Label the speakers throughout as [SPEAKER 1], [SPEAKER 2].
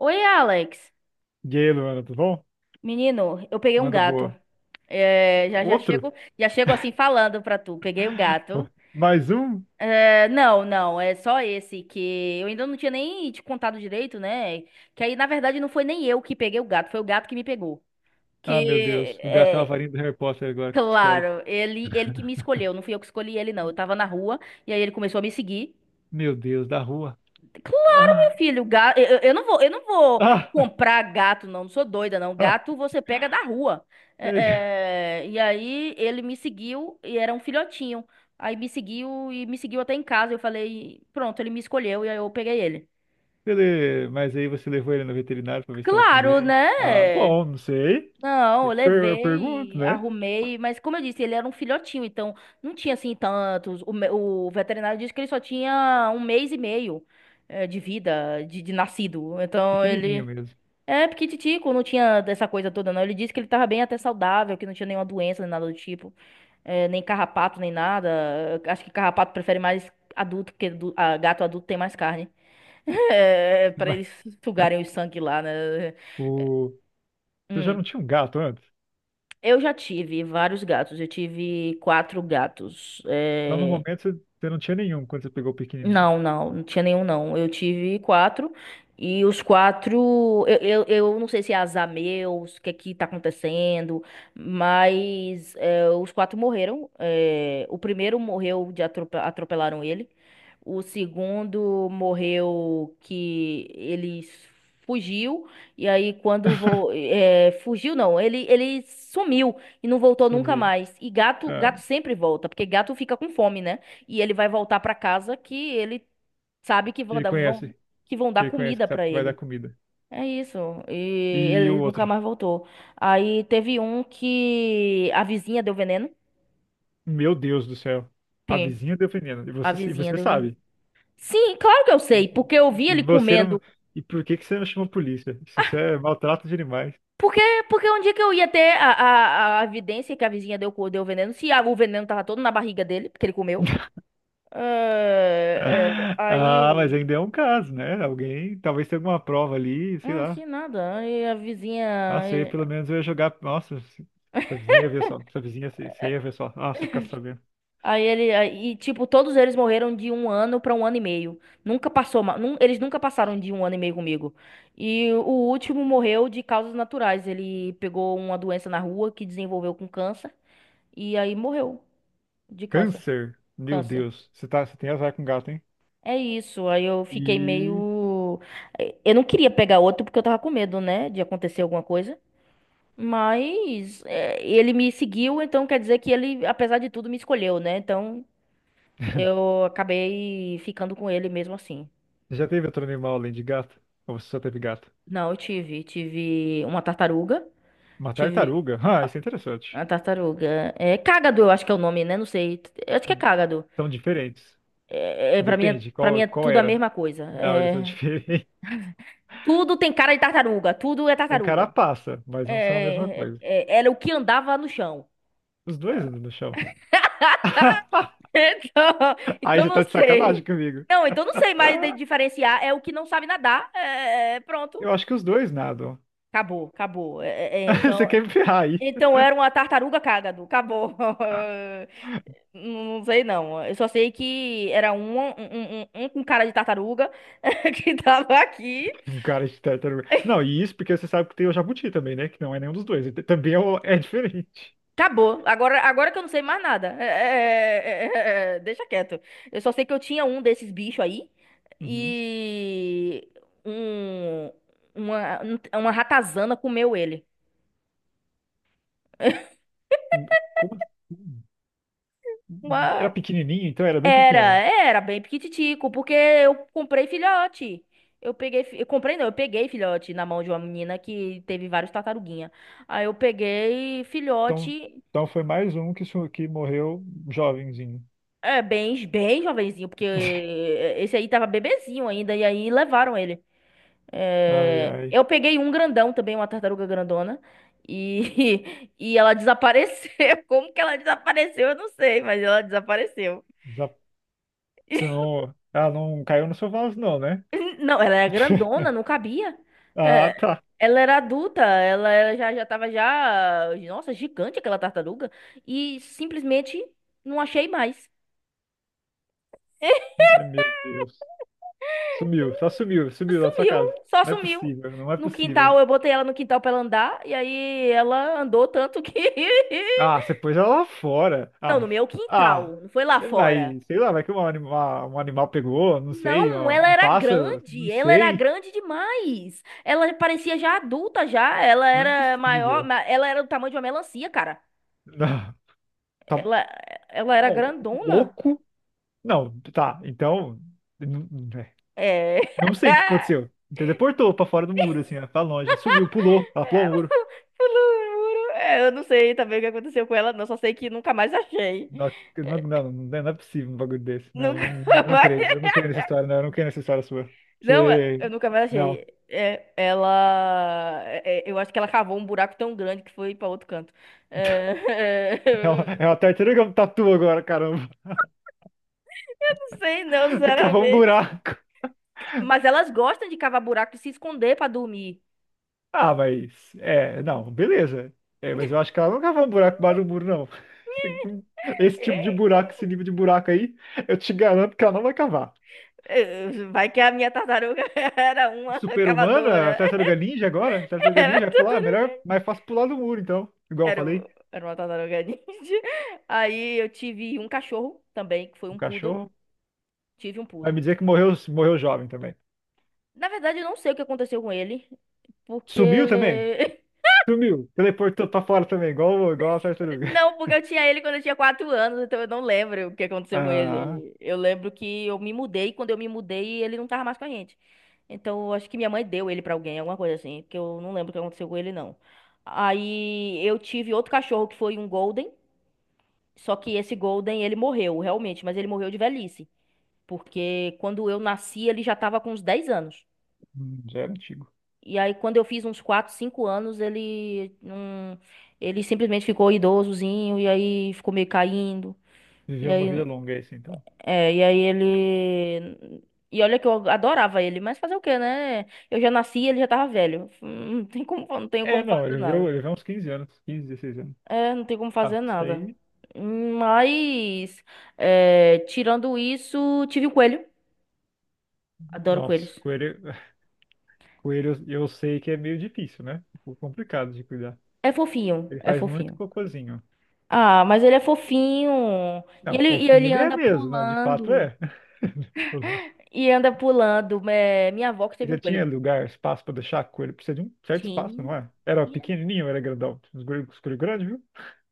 [SPEAKER 1] Oi, Alex.
[SPEAKER 2] E aí, Luana, tudo bom?
[SPEAKER 1] Menino, eu peguei um
[SPEAKER 2] Manda
[SPEAKER 1] gato.
[SPEAKER 2] boa.
[SPEAKER 1] É, já já
[SPEAKER 2] Outro?
[SPEAKER 1] chego, já chego assim falando pra tu. Peguei um gato.
[SPEAKER 2] Mais um?
[SPEAKER 1] É, não, não, é só esse que eu ainda não tinha nem te contado direito, né? Que aí, na verdade, não foi nem eu que peguei o gato, foi o gato que me pegou.
[SPEAKER 2] Ah, meu
[SPEAKER 1] Que,
[SPEAKER 2] Deus. O gato é uma
[SPEAKER 1] é,
[SPEAKER 2] varinha do Harry Potter agora que tu escolhe.
[SPEAKER 1] claro, ele que me escolheu, não fui eu que escolhi ele, não. Eu tava na rua e aí ele começou a me seguir.
[SPEAKER 2] Meu Deus, da rua. Ah,
[SPEAKER 1] Filho, gato, eu não vou
[SPEAKER 2] ah,
[SPEAKER 1] comprar gato, não. Não sou doida, não.
[SPEAKER 2] ah.
[SPEAKER 1] Gato você pega da rua.
[SPEAKER 2] Ele,
[SPEAKER 1] É, é, e aí ele me seguiu e era um filhotinho. Aí me seguiu e me seguiu até em casa. Eu falei, pronto, ele me escolheu e aí eu peguei ele.
[SPEAKER 2] mas aí você levou ele no veterinário pra ver se tava tudo
[SPEAKER 1] Claro,
[SPEAKER 2] bem. Ah,
[SPEAKER 1] né?
[SPEAKER 2] bom, não sei.
[SPEAKER 1] Não, eu
[SPEAKER 2] Eu pergunto,
[SPEAKER 1] levei,
[SPEAKER 2] né?
[SPEAKER 1] arrumei, mas como eu disse, ele era um filhotinho, então não tinha assim tantos. O veterinário disse que ele só tinha 1 mês e meio de vida, de nascido. Então
[SPEAKER 2] Pequenininho
[SPEAKER 1] ele.
[SPEAKER 2] mesmo.
[SPEAKER 1] É, porque Titico não tinha dessa coisa toda, não. Ele disse que ele tava bem até saudável, que não tinha nenhuma doença, nem nada do tipo. É, nem carrapato, nem nada. Eu acho que carrapato prefere mais adulto, porque gato adulto tem mais carne. É, pra
[SPEAKER 2] Mas
[SPEAKER 1] eles sugarem o sangue lá, né? É,
[SPEAKER 2] o... Você já
[SPEAKER 1] Hum.
[SPEAKER 2] não tinha um gato antes?
[SPEAKER 1] Eu já tive vários gatos. Eu tive quatro gatos.
[SPEAKER 2] Então, no
[SPEAKER 1] É,
[SPEAKER 2] momento, você não tinha nenhum quando você pegou o pequenininho.
[SPEAKER 1] não, não, não tinha nenhum não. Eu tive quatro e os quatro, eu não sei se é azar meu, o que é que tá acontecendo, mas os quatro morreram. É, o primeiro morreu de atropelaram ele. O segundo morreu que ele fugiu e aí quando fugiu não, ele sumiu e não voltou nunca
[SPEAKER 2] Sumi.
[SPEAKER 1] mais. E gato,
[SPEAKER 2] Ah,
[SPEAKER 1] gato sempre volta, porque gato fica com fome, né? E ele vai voltar pra casa que ele sabe que
[SPEAKER 2] que ele conhece.
[SPEAKER 1] vão
[SPEAKER 2] Que
[SPEAKER 1] dar
[SPEAKER 2] ele conhece
[SPEAKER 1] comida
[SPEAKER 2] que sabe
[SPEAKER 1] pra
[SPEAKER 2] que vai dar
[SPEAKER 1] ele.
[SPEAKER 2] comida.
[SPEAKER 1] É isso. E
[SPEAKER 2] E o
[SPEAKER 1] ele nunca
[SPEAKER 2] outro?
[SPEAKER 1] mais voltou. Aí teve um que a vizinha deu veneno.
[SPEAKER 2] Meu Deus do céu. A
[SPEAKER 1] Sim.
[SPEAKER 2] vizinha defendendo. E
[SPEAKER 1] A
[SPEAKER 2] você, e
[SPEAKER 1] vizinha
[SPEAKER 2] você
[SPEAKER 1] deu veneno.
[SPEAKER 2] sabe.
[SPEAKER 1] Sim, claro que eu sei, porque eu vi
[SPEAKER 2] E
[SPEAKER 1] ele
[SPEAKER 2] você não.
[SPEAKER 1] comendo.
[SPEAKER 2] E por que que você não chama a polícia? Se isso é maltrato de animais.
[SPEAKER 1] Porque, porque, onde é que eu ia ter a, a evidência que a vizinha deu veneno? Se o veneno tava todo na barriga dele, porque ele comeu. É, é,
[SPEAKER 2] Ah,
[SPEAKER 1] aí.
[SPEAKER 2] mas ainda é um caso, né? Alguém. Talvez tenha alguma prova ali, sei
[SPEAKER 1] Ah,
[SPEAKER 2] lá.
[SPEAKER 1] que nada. Aí a
[SPEAKER 2] Nossa, eu ia,
[SPEAKER 1] vizinha.
[SPEAKER 2] pelo menos eu ia jogar. Nossa, sua vizinha ia ver só. Sua vizinha, você ia ver só. Ah, você ficar sabendo.
[SPEAKER 1] Aí ele, aí, e, tipo, todos eles morreram de 1 ano pra 1 ano e meio. Nunca passou, eles nunca passaram de 1 ano e meio comigo. E o último morreu de causas naturais. Ele pegou uma doença na rua que desenvolveu com câncer e aí morreu de câncer.
[SPEAKER 2] Câncer? Meu
[SPEAKER 1] Câncer.
[SPEAKER 2] Deus. Você tá, você tem azar com gato, hein?
[SPEAKER 1] É isso. Aí eu fiquei
[SPEAKER 2] E.
[SPEAKER 1] meio, eu não queria pegar outro porque eu tava com medo, né, de acontecer alguma coisa. Mas ele me seguiu, então quer dizer que ele, apesar de tudo, me escolheu, né? Então eu acabei ficando com ele mesmo assim.
[SPEAKER 2] Você já teve outro animal além de gato? Ou você só teve gato?
[SPEAKER 1] Não, eu tive. Tive uma tartaruga.
[SPEAKER 2] Uma
[SPEAKER 1] Tive
[SPEAKER 2] tartaruga? Ah, isso é interessante.
[SPEAKER 1] uma tartaruga. É cágado, eu acho que é o nome, né? Não sei. Eu acho que é cágado.
[SPEAKER 2] São diferentes.
[SPEAKER 1] É, é, pra mim,
[SPEAKER 2] Depende,
[SPEAKER 1] pra mim
[SPEAKER 2] qual,
[SPEAKER 1] é
[SPEAKER 2] qual
[SPEAKER 1] tudo a
[SPEAKER 2] era?
[SPEAKER 1] mesma coisa.
[SPEAKER 2] Não, eles são
[SPEAKER 1] É,
[SPEAKER 2] diferentes.
[SPEAKER 1] tudo tem cara de tartaruga. Tudo é
[SPEAKER 2] Tem
[SPEAKER 1] tartaruga.
[SPEAKER 2] carapaça, mas não são a mesma
[SPEAKER 1] É,
[SPEAKER 2] coisa.
[SPEAKER 1] era o que andava no chão.
[SPEAKER 2] Os dois andam no chão.
[SPEAKER 1] Então,
[SPEAKER 2] Aí
[SPEAKER 1] então,
[SPEAKER 2] você
[SPEAKER 1] não
[SPEAKER 2] tá de sacanagem
[SPEAKER 1] sei.
[SPEAKER 2] comigo.
[SPEAKER 1] Não, então não sei mais diferenciar. É o que não sabe nadar. É, é, pronto.
[SPEAKER 2] Eu acho que os dois nadam.
[SPEAKER 1] Acabou, acabou. É, é, é,
[SPEAKER 2] Você
[SPEAKER 1] então.
[SPEAKER 2] quer me ferrar aí?
[SPEAKER 1] Então era uma tartaruga cágado. Acabou. Não sei, não. Eu só sei que era um com cara de tartaruga que tava aqui.
[SPEAKER 2] Um cara de tartaruga. Não, e isso porque você sabe que tem o jabuti também, né? Que não é nenhum dos dois. Ele também é, é diferente.
[SPEAKER 1] Acabou. Agora, que eu não sei mais nada. É, é, é, é, é, deixa quieto. Eu só sei que eu tinha um desses bichos aí
[SPEAKER 2] Uhum.
[SPEAKER 1] e um, uma, uma ratazana comeu ele.
[SPEAKER 2] Como assim? Era
[SPEAKER 1] Uma,
[SPEAKER 2] pequenininho, então era bem
[SPEAKER 1] Era,
[SPEAKER 2] pequeno.
[SPEAKER 1] era bem piquititico, porque eu comprei filhote. Eu comprei não, eu peguei filhote na mão de uma menina que teve vários tartaruguinha. Aí eu peguei
[SPEAKER 2] Então,
[SPEAKER 1] filhote,
[SPEAKER 2] então foi mais um que, que morreu jovenzinho.
[SPEAKER 1] bem, bem jovenzinho, porque esse aí tava bebezinho ainda, e aí levaram ele.
[SPEAKER 2] Ai,
[SPEAKER 1] É,
[SPEAKER 2] ai.
[SPEAKER 1] eu peguei um grandão também, uma tartaruga grandona, e, e ela desapareceu. Como que ela desapareceu? Eu não sei, mas ela desapareceu.
[SPEAKER 2] Já, você não... Ah, não caiu no seu vaso não, né?
[SPEAKER 1] Não, ela era grandona, não cabia.
[SPEAKER 2] Ah,
[SPEAKER 1] É,
[SPEAKER 2] tá.
[SPEAKER 1] ela era adulta, já, já tava já. Nossa, gigante aquela tartaruga. E simplesmente não achei mais.
[SPEAKER 2] Ai, meu Deus. Sumiu, só sumiu, sumiu da sua
[SPEAKER 1] Sumiu,
[SPEAKER 2] casa.
[SPEAKER 1] só
[SPEAKER 2] Não é
[SPEAKER 1] sumiu.
[SPEAKER 2] possível, não é
[SPEAKER 1] No
[SPEAKER 2] possível.
[SPEAKER 1] quintal, eu botei ela no quintal pra ela andar, e aí ela andou tanto que.
[SPEAKER 2] Ah, você pôs ela lá fora.
[SPEAKER 1] Não,
[SPEAKER 2] Ah,
[SPEAKER 1] no meu
[SPEAKER 2] ah.
[SPEAKER 1] quintal, não foi lá
[SPEAKER 2] É,
[SPEAKER 1] fora.
[SPEAKER 2] mas, sei lá, vai que um animal pegou, não sei,
[SPEAKER 1] Não,
[SPEAKER 2] ó, um pássaro, não
[SPEAKER 1] ela era
[SPEAKER 2] sei.
[SPEAKER 1] grande demais. Ela parecia já adulta já, ela
[SPEAKER 2] Não é
[SPEAKER 1] era maior,
[SPEAKER 2] possível.
[SPEAKER 1] ela era do tamanho de uma melancia, cara.
[SPEAKER 2] Não, tá
[SPEAKER 1] Ela, ela era
[SPEAKER 2] bom,
[SPEAKER 1] grandona?
[SPEAKER 2] louco? Não, tá, então.
[SPEAKER 1] É.
[SPEAKER 2] Não sei o que aconteceu. Teleportou pra fora do muro, assim, ó, pra longe. Sumiu, pulou, ela pulou o muro.
[SPEAKER 1] Eu não juro. É, eu não sei também o que aconteceu com ela, não. Só sei que nunca mais achei.
[SPEAKER 2] Não, não, não, não é possível um bagulho desse. Não,
[SPEAKER 1] Nunca
[SPEAKER 2] não, não
[SPEAKER 1] mais.
[SPEAKER 2] creio. Eu não creio nessa história, não. Eu não creio nessa história sua.
[SPEAKER 1] Não,
[SPEAKER 2] Você.
[SPEAKER 1] eu nunca mais achei.
[SPEAKER 2] Não.
[SPEAKER 1] É, eu acho que ela cavou um buraco tão grande que foi pra outro canto. É,
[SPEAKER 2] É uma tartaruga tatu agora, caramba.
[SPEAKER 1] não sei, não,
[SPEAKER 2] Cavou um
[SPEAKER 1] sinceramente.
[SPEAKER 2] buraco.
[SPEAKER 1] Mas elas gostam de cavar buraco e se esconder pra dormir.
[SPEAKER 2] Ah, mas. É, não, beleza. É, mas eu acho que ela não cavou um buraco embaixo do muro, não. Esse tipo de
[SPEAKER 1] É,
[SPEAKER 2] buraco, esse nível de buraco aí, eu te garanto que ela não vai cavar.
[SPEAKER 1] é, Vai que a minha tartaruga era uma
[SPEAKER 2] Super-humana?
[SPEAKER 1] cavadora.
[SPEAKER 2] Tartaruga Ninja agora? Tartaruga
[SPEAKER 1] Era
[SPEAKER 2] Ninja vai pular? É
[SPEAKER 1] tartaruga.
[SPEAKER 2] melhor, mais fácil pular do muro, então. Igual eu
[SPEAKER 1] Era,
[SPEAKER 2] falei,
[SPEAKER 1] o- era uma tartaruga ninja. Aí eu tive um cachorro também, que foi
[SPEAKER 2] um
[SPEAKER 1] um poodle.
[SPEAKER 2] cachorro.
[SPEAKER 1] Tive um
[SPEAKER 2] Vai me
[SPEAKER 1] poodle.
[SPEAKER 2] dizer que morreu, morreu jovem também.
[SPEAKER 1] Na verdade, eu não sei o que aconteceu com ele,
[SPEAKER 2] Sumiu também?
[SPEAKER 1] porque.
[SPEAKER 2] Sumiu. Teleportou pra fora também, igual, igual a tartaruga.
[SPEAKER 1] Não, porque eu tinha ele quando eu tinha 4 anos, então eu não lembro o que aconteceu com
[SPEAKER 2] Ah,
[SPEAKER 1] ele. Eu lembro que eu me mudei, quando eu me mudei, ele não tava mais com a gente. Então, eu acho que minha mãe deu ele pra alguém, alguma coisa assim, porque eu não lembro o que aconteceu com ele, não. Aí eu tive outro cachorro que foi um Golden. Só que esse Golden, ele morreu, realmente, mas ele morreu de velhice. Porque quando eu nasci, ele já tava com uns 10 anos.
[SPEAKER 2] já era antigo.
[SPEAKER 1] E aí, quando eu fiz uns 4 5 anos, ele não. Ele simplesmente ficou idosozinho, e aí ficou meio caindo. E
[SPEAKER 2] Viveu uma
[SPEAKER 1] aí,
[SPEAKER 2] vida longa esse, então.
[SPEAKER 1] e aí ele. E olha que eu adorava ele, mas fazer o quê, né? Eu já nasci e ele já tava velho. Não tem como, não tenho
[SPEAKER 2] É,
[SPEAKER 1] como
[SPEAKER 2] não,
[SPEAKER 1] fazer
[SPEAKER 2] ele viveu,
[SPEAKER 1] nada.
[SPEAKER 2] ele viveu uns 15 anos, 15, 16 anos.
[SPEAKER 1] É, não tem como
[SPEAKER 2] Ah,
[SPEAKER 1] fazer
[SPEAKER 2] isso
[SPEAKER 1] nada.
[SPEAKER 2] daí.
[SPEAKER 1] Mas, tirando isso, tive o coelho. Adoro coelhos.
[SPEAKER 2] Nossa, coelho, coelho eu sei que é meio difícil, né? Um pouco complicado de cuidar.
[SPEAKER 1] É fofinho,
[SPEAKER 2] Ele
[SPEAKER 1] é
[SPEAKER 2] faz muito
[SPEAKER 1] fofinho.
[SPEAKER 2] cocôzinho.
[SPEAKER 1] Ah, mas ele é fofinho. E
[SPEAKER 2] Não,
[SPEAKER 1] ele, e
[SPEAKER 2] fofinho
[SPEAKER 1] ele
[SPEAKER 2] ele é
[SPEAKER 1] anda
[SPEAKER 2] mesmo, não, de fato
[SPEAKER 1] pulando.
[SPEAKER 2] é.
[SPEAKER 1] E anda pulando. É, minha avó que teve um
[SPEAKER 2] Ele
[SPEAKER 1] coelho.
[SPEAKER 2] tinha lugar, espaço para deixar a coelha, precisa de um certo espaço,
[SPEAKER 1] Tinha.
[SPEAKER 2] não é? Era
[SPEAKER 1] E-
[SPEAKER 2] pequenininho, ou era grandão. Escolheu grande, viu?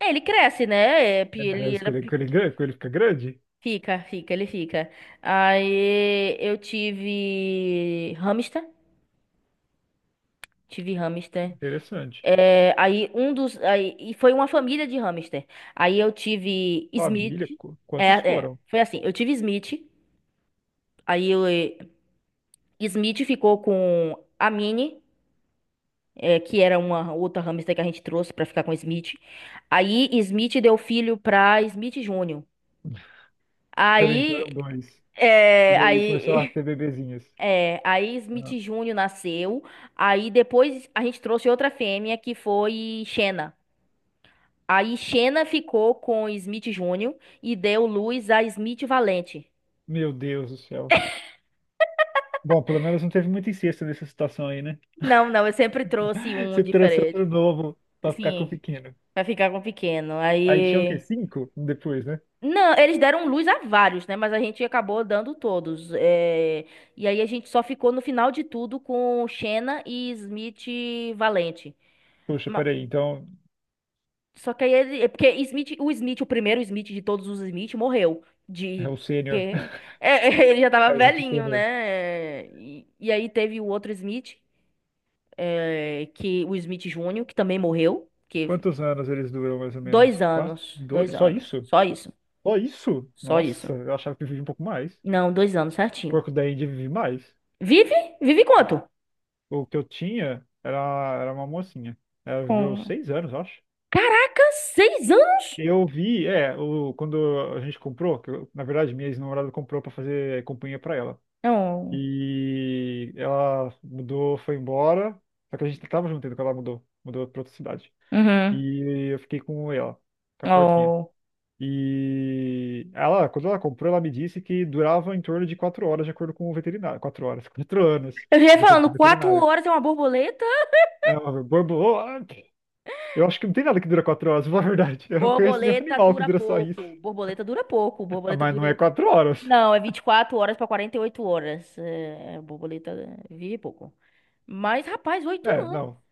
[SPEAKER 1] Ele cresce, né? É,
[SPEAKER 2] É, os escolheu coelho grande, coelho fica grande.
[SPEAKER 1] Fica, fica, ele fica. Aí eu tive hamster. Tive hamster.
[SPEAKER 2] Interessante.
[SPEAKER 1] É, aí um dos. Aí, e foi uma família de hamster. Aí eu tive Smith.
[SPEAKER 2] Família,
[SPEAKER 1] É,
[SPEAKER 2] quantos
[SPEAKER 1] é,
[SPEAKER 2] foram?
[SPEAKER 1] foi assim. Eu tive Smith. Aí eu, Smith ficou com a Minnie, que era uma outra hamster que a gente trouxe pra ficar com Smith. Aí Smith deu filho pra Smith Júnior.
[SPEAKER 2] Peraí, então
[SPEAKER 1] Aí,
[SPEAKER 2] eram dois. E
[SPEAKER 1] é,
[SPEAKER 2] daí começou a
[SPEAKER 1] aí,
[SPEAKER 2] ter bebezinhas.
[SPEAKER 1] é, aí Smith
[SPEAKER 2] Ah,
[SPEAKER 1] Júnior nasceu. Aí depois a gente trouxe outra fêmea que foi Xena. Aí Xena ficou com Smith Júnior e deu luz a Smith Valente.
[SPEAKER 2] meu Deus do céu. Bom, pelo menos não teve muita incesto nessa situação aí, né?
[SPEAKER 1] Não, não, eu sempre trouxe um
[SPEAKER 2] Você trouxe outro
[SPEAKER 1] diferente.
[SPEAKER 2] novo pra ficar com o
[SPEAKER 1] Sim,
[SPEAKER 2] pequeno.
[SPEAKER 1] pra ficar com o pequeno.
[SPEAKER 2] Aí tinha o quê?
[SPEAKER 1] Aí
[SPEAKER 2] Cinco depois, né?
[SPEAKER 1] Não, eles deram luz a vários, né? Mas a gente acabou dando todos. E aí a gente só ficou no final de tudo com Xena e Smith Valente.
[SPEAKER 2] Poxa,
[SPEAKER 1] Ma-
[SPEAKER 2] peraí, então.
[SPEAKER 1] Só que aí ele. Porque Smith, o Smith, o primeiro Smith de todos os Smith, morreu.
[SPEAKER 2] É
[SPEAKER 1] De.
[SPEAKER 2] o sênior.
[SPEAKER 1] Que... É, ele já
[SPEAKER 2] É
[SPEAKER 1] tava
[SPEAKER 2] o exército
[SPEAKER 1] velhinho,
[SPEAKER 2] sênior.
[SPEAKER 1] né? E aí teve o outro Smith, que o Smith Júnior, que também morreu. Que
[SPEAKER 2] Quantos anos eles duram, mais ou menos?
[SPEAKER 1] dois
[SPEAKER 2] Quatro?
[SPEAKER 1] anos. Dois
[SPEAKER 2] Dois? Só
[SPEAKER 1] anos.
[SPEAKER 2] isso?
[SPEAKER 1] Só isso.
[SPEAKER 2] Só isso?
[SPEAKER 1] Só isso.
[SPEAKER 2] Nossa, eu achava que eu vivia um pouco mais.
[SPEAKER 1] Não, 2 anos, certinho.
[SPEAKER 2] Porco da Índia vive mais.
[SPEAKER 1] Vive? Vive quanto?
[SPEAKER 2] O que eu tinha era, era uma mocinha. Ela viveu
[SPEAKER 1] Com.
[SPEAKER 2] 6 anos, eu acho.
[SPEAKER 1] Caraca, 6 anos?
[SPEAKER 2] Eu vi, é, o, quando a gente comprou, que na verdade minha ex-namorada comprou pra fazer companhia pra ela.
[SPEAKER 1] Não.
[SPEAKER 2] E ela mudou, foi embora. Só que a gente tava junto ainda quando ela mudou. Mudou pra outra cidade.
[SPEAKER 1] Uhum.
[SPEAKER 2] E eu fiquei com ela, com a porquinha.
[SPEAKER 1] Oh.
[SPEAKER 2] E ela, quando ela comprou, ela me disse que durava em torno de 4 horas, de acordo com o veterinário. 4 horas, 4 anos,
[SPEAKER 1] Eu já ia
[SPEAKER 2] de acordo com o
[SPEAKER 1] falando, quatro
[SPEAKER 2] veterinário.
[SPEAKER 1] horas é uma borboleta?
[SPEAKER 2] É uma borboleta. Eu acho que não tem nada que dura 4 horas, na verdade. Eu não conheço nenhum
[SPEAKER 1] Borboleta
[SPEAKER 2] animal que
[SPEAKER 1] dura
[SPEAKER 2] dura só isso.
[SPEAKER 1] pouco. Borboleta dura pouco.
[SPEAKER 2] Ah,
[SPEAKER 1] Borboleta
[SPEAKER 2] mas não é
[SPEAKER 1] dura.
[SPEAKER 2] 4 horas.
[SPEAKER 1] Não, é 24 horas pra 48 horas. É, borboleta vive pouco. Mas, rapaz, oito
[SPEAKER 2] É,
[SPEAKER 1] anos.
[SPEAKER 2] não.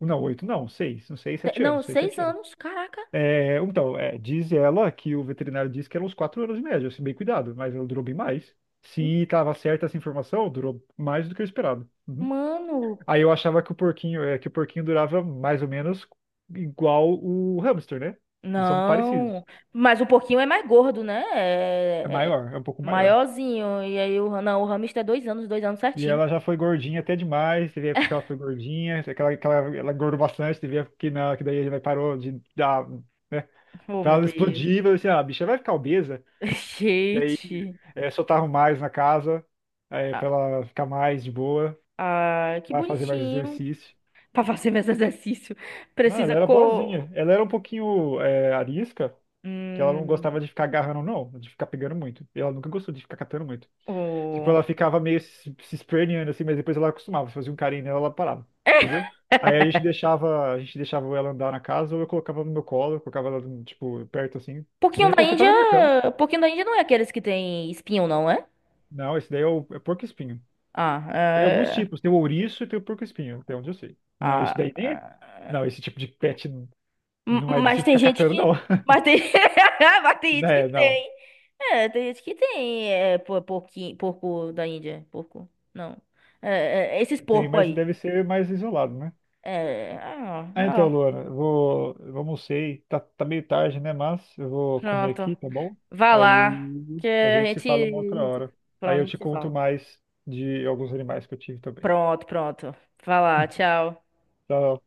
[SPEAKER 2] Não, oito, não, seis. Não sei, 7
[SPEAKER 1] Não,
[SPEAKER 2] anos, seis,
[SPEAKER 1] seis
[SPEAKER 2] 7 anos.
[SPEAKER 1] anos. Caraca.
[SPEAKER 2] É, então, é, diz ela que o veterinário disse que eram uns 4 anos em média, se bem cuidado, mas ela durou bem mais. Se estava certa essa informação, durou mais do que eu esperava. Uhum.
[SPEAKER 1] Mano,
[SPEAKER 2] Aí eu achava que o porquinho, é, que o porquinho durava mais ou menos igual o hamster, né? Eles são
[SPEAKER 1] Não,
[SPEAKER 2] parecidos.
[SPEAKER 1] mas o porquinho é mais gordo, né?
[SPEAKER 2] É
[SPEAKER 1] É, é é
[SPEAKER 2] maior, é um pouco maior.
[SPEAKER 1] maiorzinho. E aí o, não, o hamster é 2 anos, 2 anos
[SPEAKER 2] E
[SPEAKER 1] certinho.
[SPEAKER 2] ela já foi gordinha até demais, teve época que ela foi gordinha, é aquela, aquela, ela engordou bastante, teve época que não, que daí ele parou de dar, né?
[SPEAKER 1] Oh,
[SPEAKER 2] Então
[SPEAKER 1] meu
[SPEAKER 2] ela
[SPEAKER 1] Deus.
[SPEAKER 2] explodiu, eu disse, ah, a bicha vai ficar obesa. Daí
[SPEAKER 1] Gente.
[SPEAKER 2] é, soltaram mais na casa, é, pra
[SPEAKER 1] Ah,
[SPEAKER 2] ela ficar mais de boa,
[SPEAKER 1] ah, que
[SPEAKER 2] vai fazer mais
[SPEAKER 1] bonitinho.
[SPEAKER 2] exercício.
[SPEAKER 1] Pra fazer mais exercício,
[SPEAKER 2] Não, ela
[SPEAKER 1] precisa
[SPEAKER 2] era
[SPEAKER 1] co...
[SPEAKER 2] boazinha. Ela era um pouquinho é, arisca, que ela não gostava
[SPEAKER 1] Hum,
[SPEAKER 2] de ficar agarrando, não, de ficar pegando muito. E ela nunca gostou de ficar catando muito. Tipo, ela
[SPEAKER 1] o...
[SPEAKER 2] ficava meio se esperneando assim, mas depois ela acostumava, fazia um carinho nela, ela parava, entendeu? Aí a gente deixava ela andar na casa, ou eu colocava no meu colo, eu colocava ela, tipo, perto assim. Já
[SPEAKER 1] Porquinho da
[SPEAKER 2] coloquei até
[SPEAKER 1] Índia...
[SPEAKER 2] na minha cama.
[SPEAKER 1] Porquinho da Índia não é aqueles que tem espinho, não é?
[SPEAKER 2] Não, esse daí é o é porco-espinho.
[SPEAKER 1] Ah,
[SPEAKER 2] Tem alguns
[SPEAKER 1] é...
[SPEAKER 2] tipos, tem o ouriço e tem o porco-espinho, até onde eu sei. Não, isso
[SPEAKER 1] Ah,
[SPEAKER 2] daí nem é.
[SPEAKER 1] é.
[SPEAKER 2] Não, esse tipo de pet não é de se
[SPEAKER 1] Mas tem
[SPEAKER 2] ficar
[SPEAKER 1] gente
[SPEAKER 2] catando, não.
[SPEAKER 1] que. Mas tem, mas tem gente que
[SPEAKER 2] É, não.
[SPEAKER 1] tem. É, tem gente que tem. É, porquinho, porco da Índia. Porco. Não. É, é, esses
[SPEAKER 2] Tem,
[SPEAKER 1] porcos
[SPEAKER 2] mas
[SPEAKER 1] aí.
[SPEAKER 2] deve ser mais isolado, né?
[SPEAKER 1] É. Ah,
[SPEAKER 2] Ah, então,
[SPEAKER 1] ah,
[SPEAKER 2] Luana, eu vou, eu almocei, tá, tá meio tarde, né? Mas eu vou comer
[SPEAKER 1] pronto.
[SPEAKER 2] aqui, tá bom?
[SPEAKER 1] Vá lá.
[SPEAKER 2] Aí
[SPEAKER 1] Que
[SPEAKER 2] a
[SPEAKER 1] a
[SPEAKER 2] gente se fala uma outra
[SPEAKER 1] gente.
[SPEAKER 2] hora. Aí
[SPEAKER 1] Pronto, a
[SPEAKER 2] eu
[SPEAKER 1] gente
[SPEAKER 2] te
[SPEAKER 1] se
[SPEAKER 2] conto
[SPEAKER 1] fala.
[SPEAKER 2] mais de alguns animais que eu tive também.
[SPEAKER 1] Pronto, pronto. Vá lá, tchau.
[SPEAKER 2] Tchau.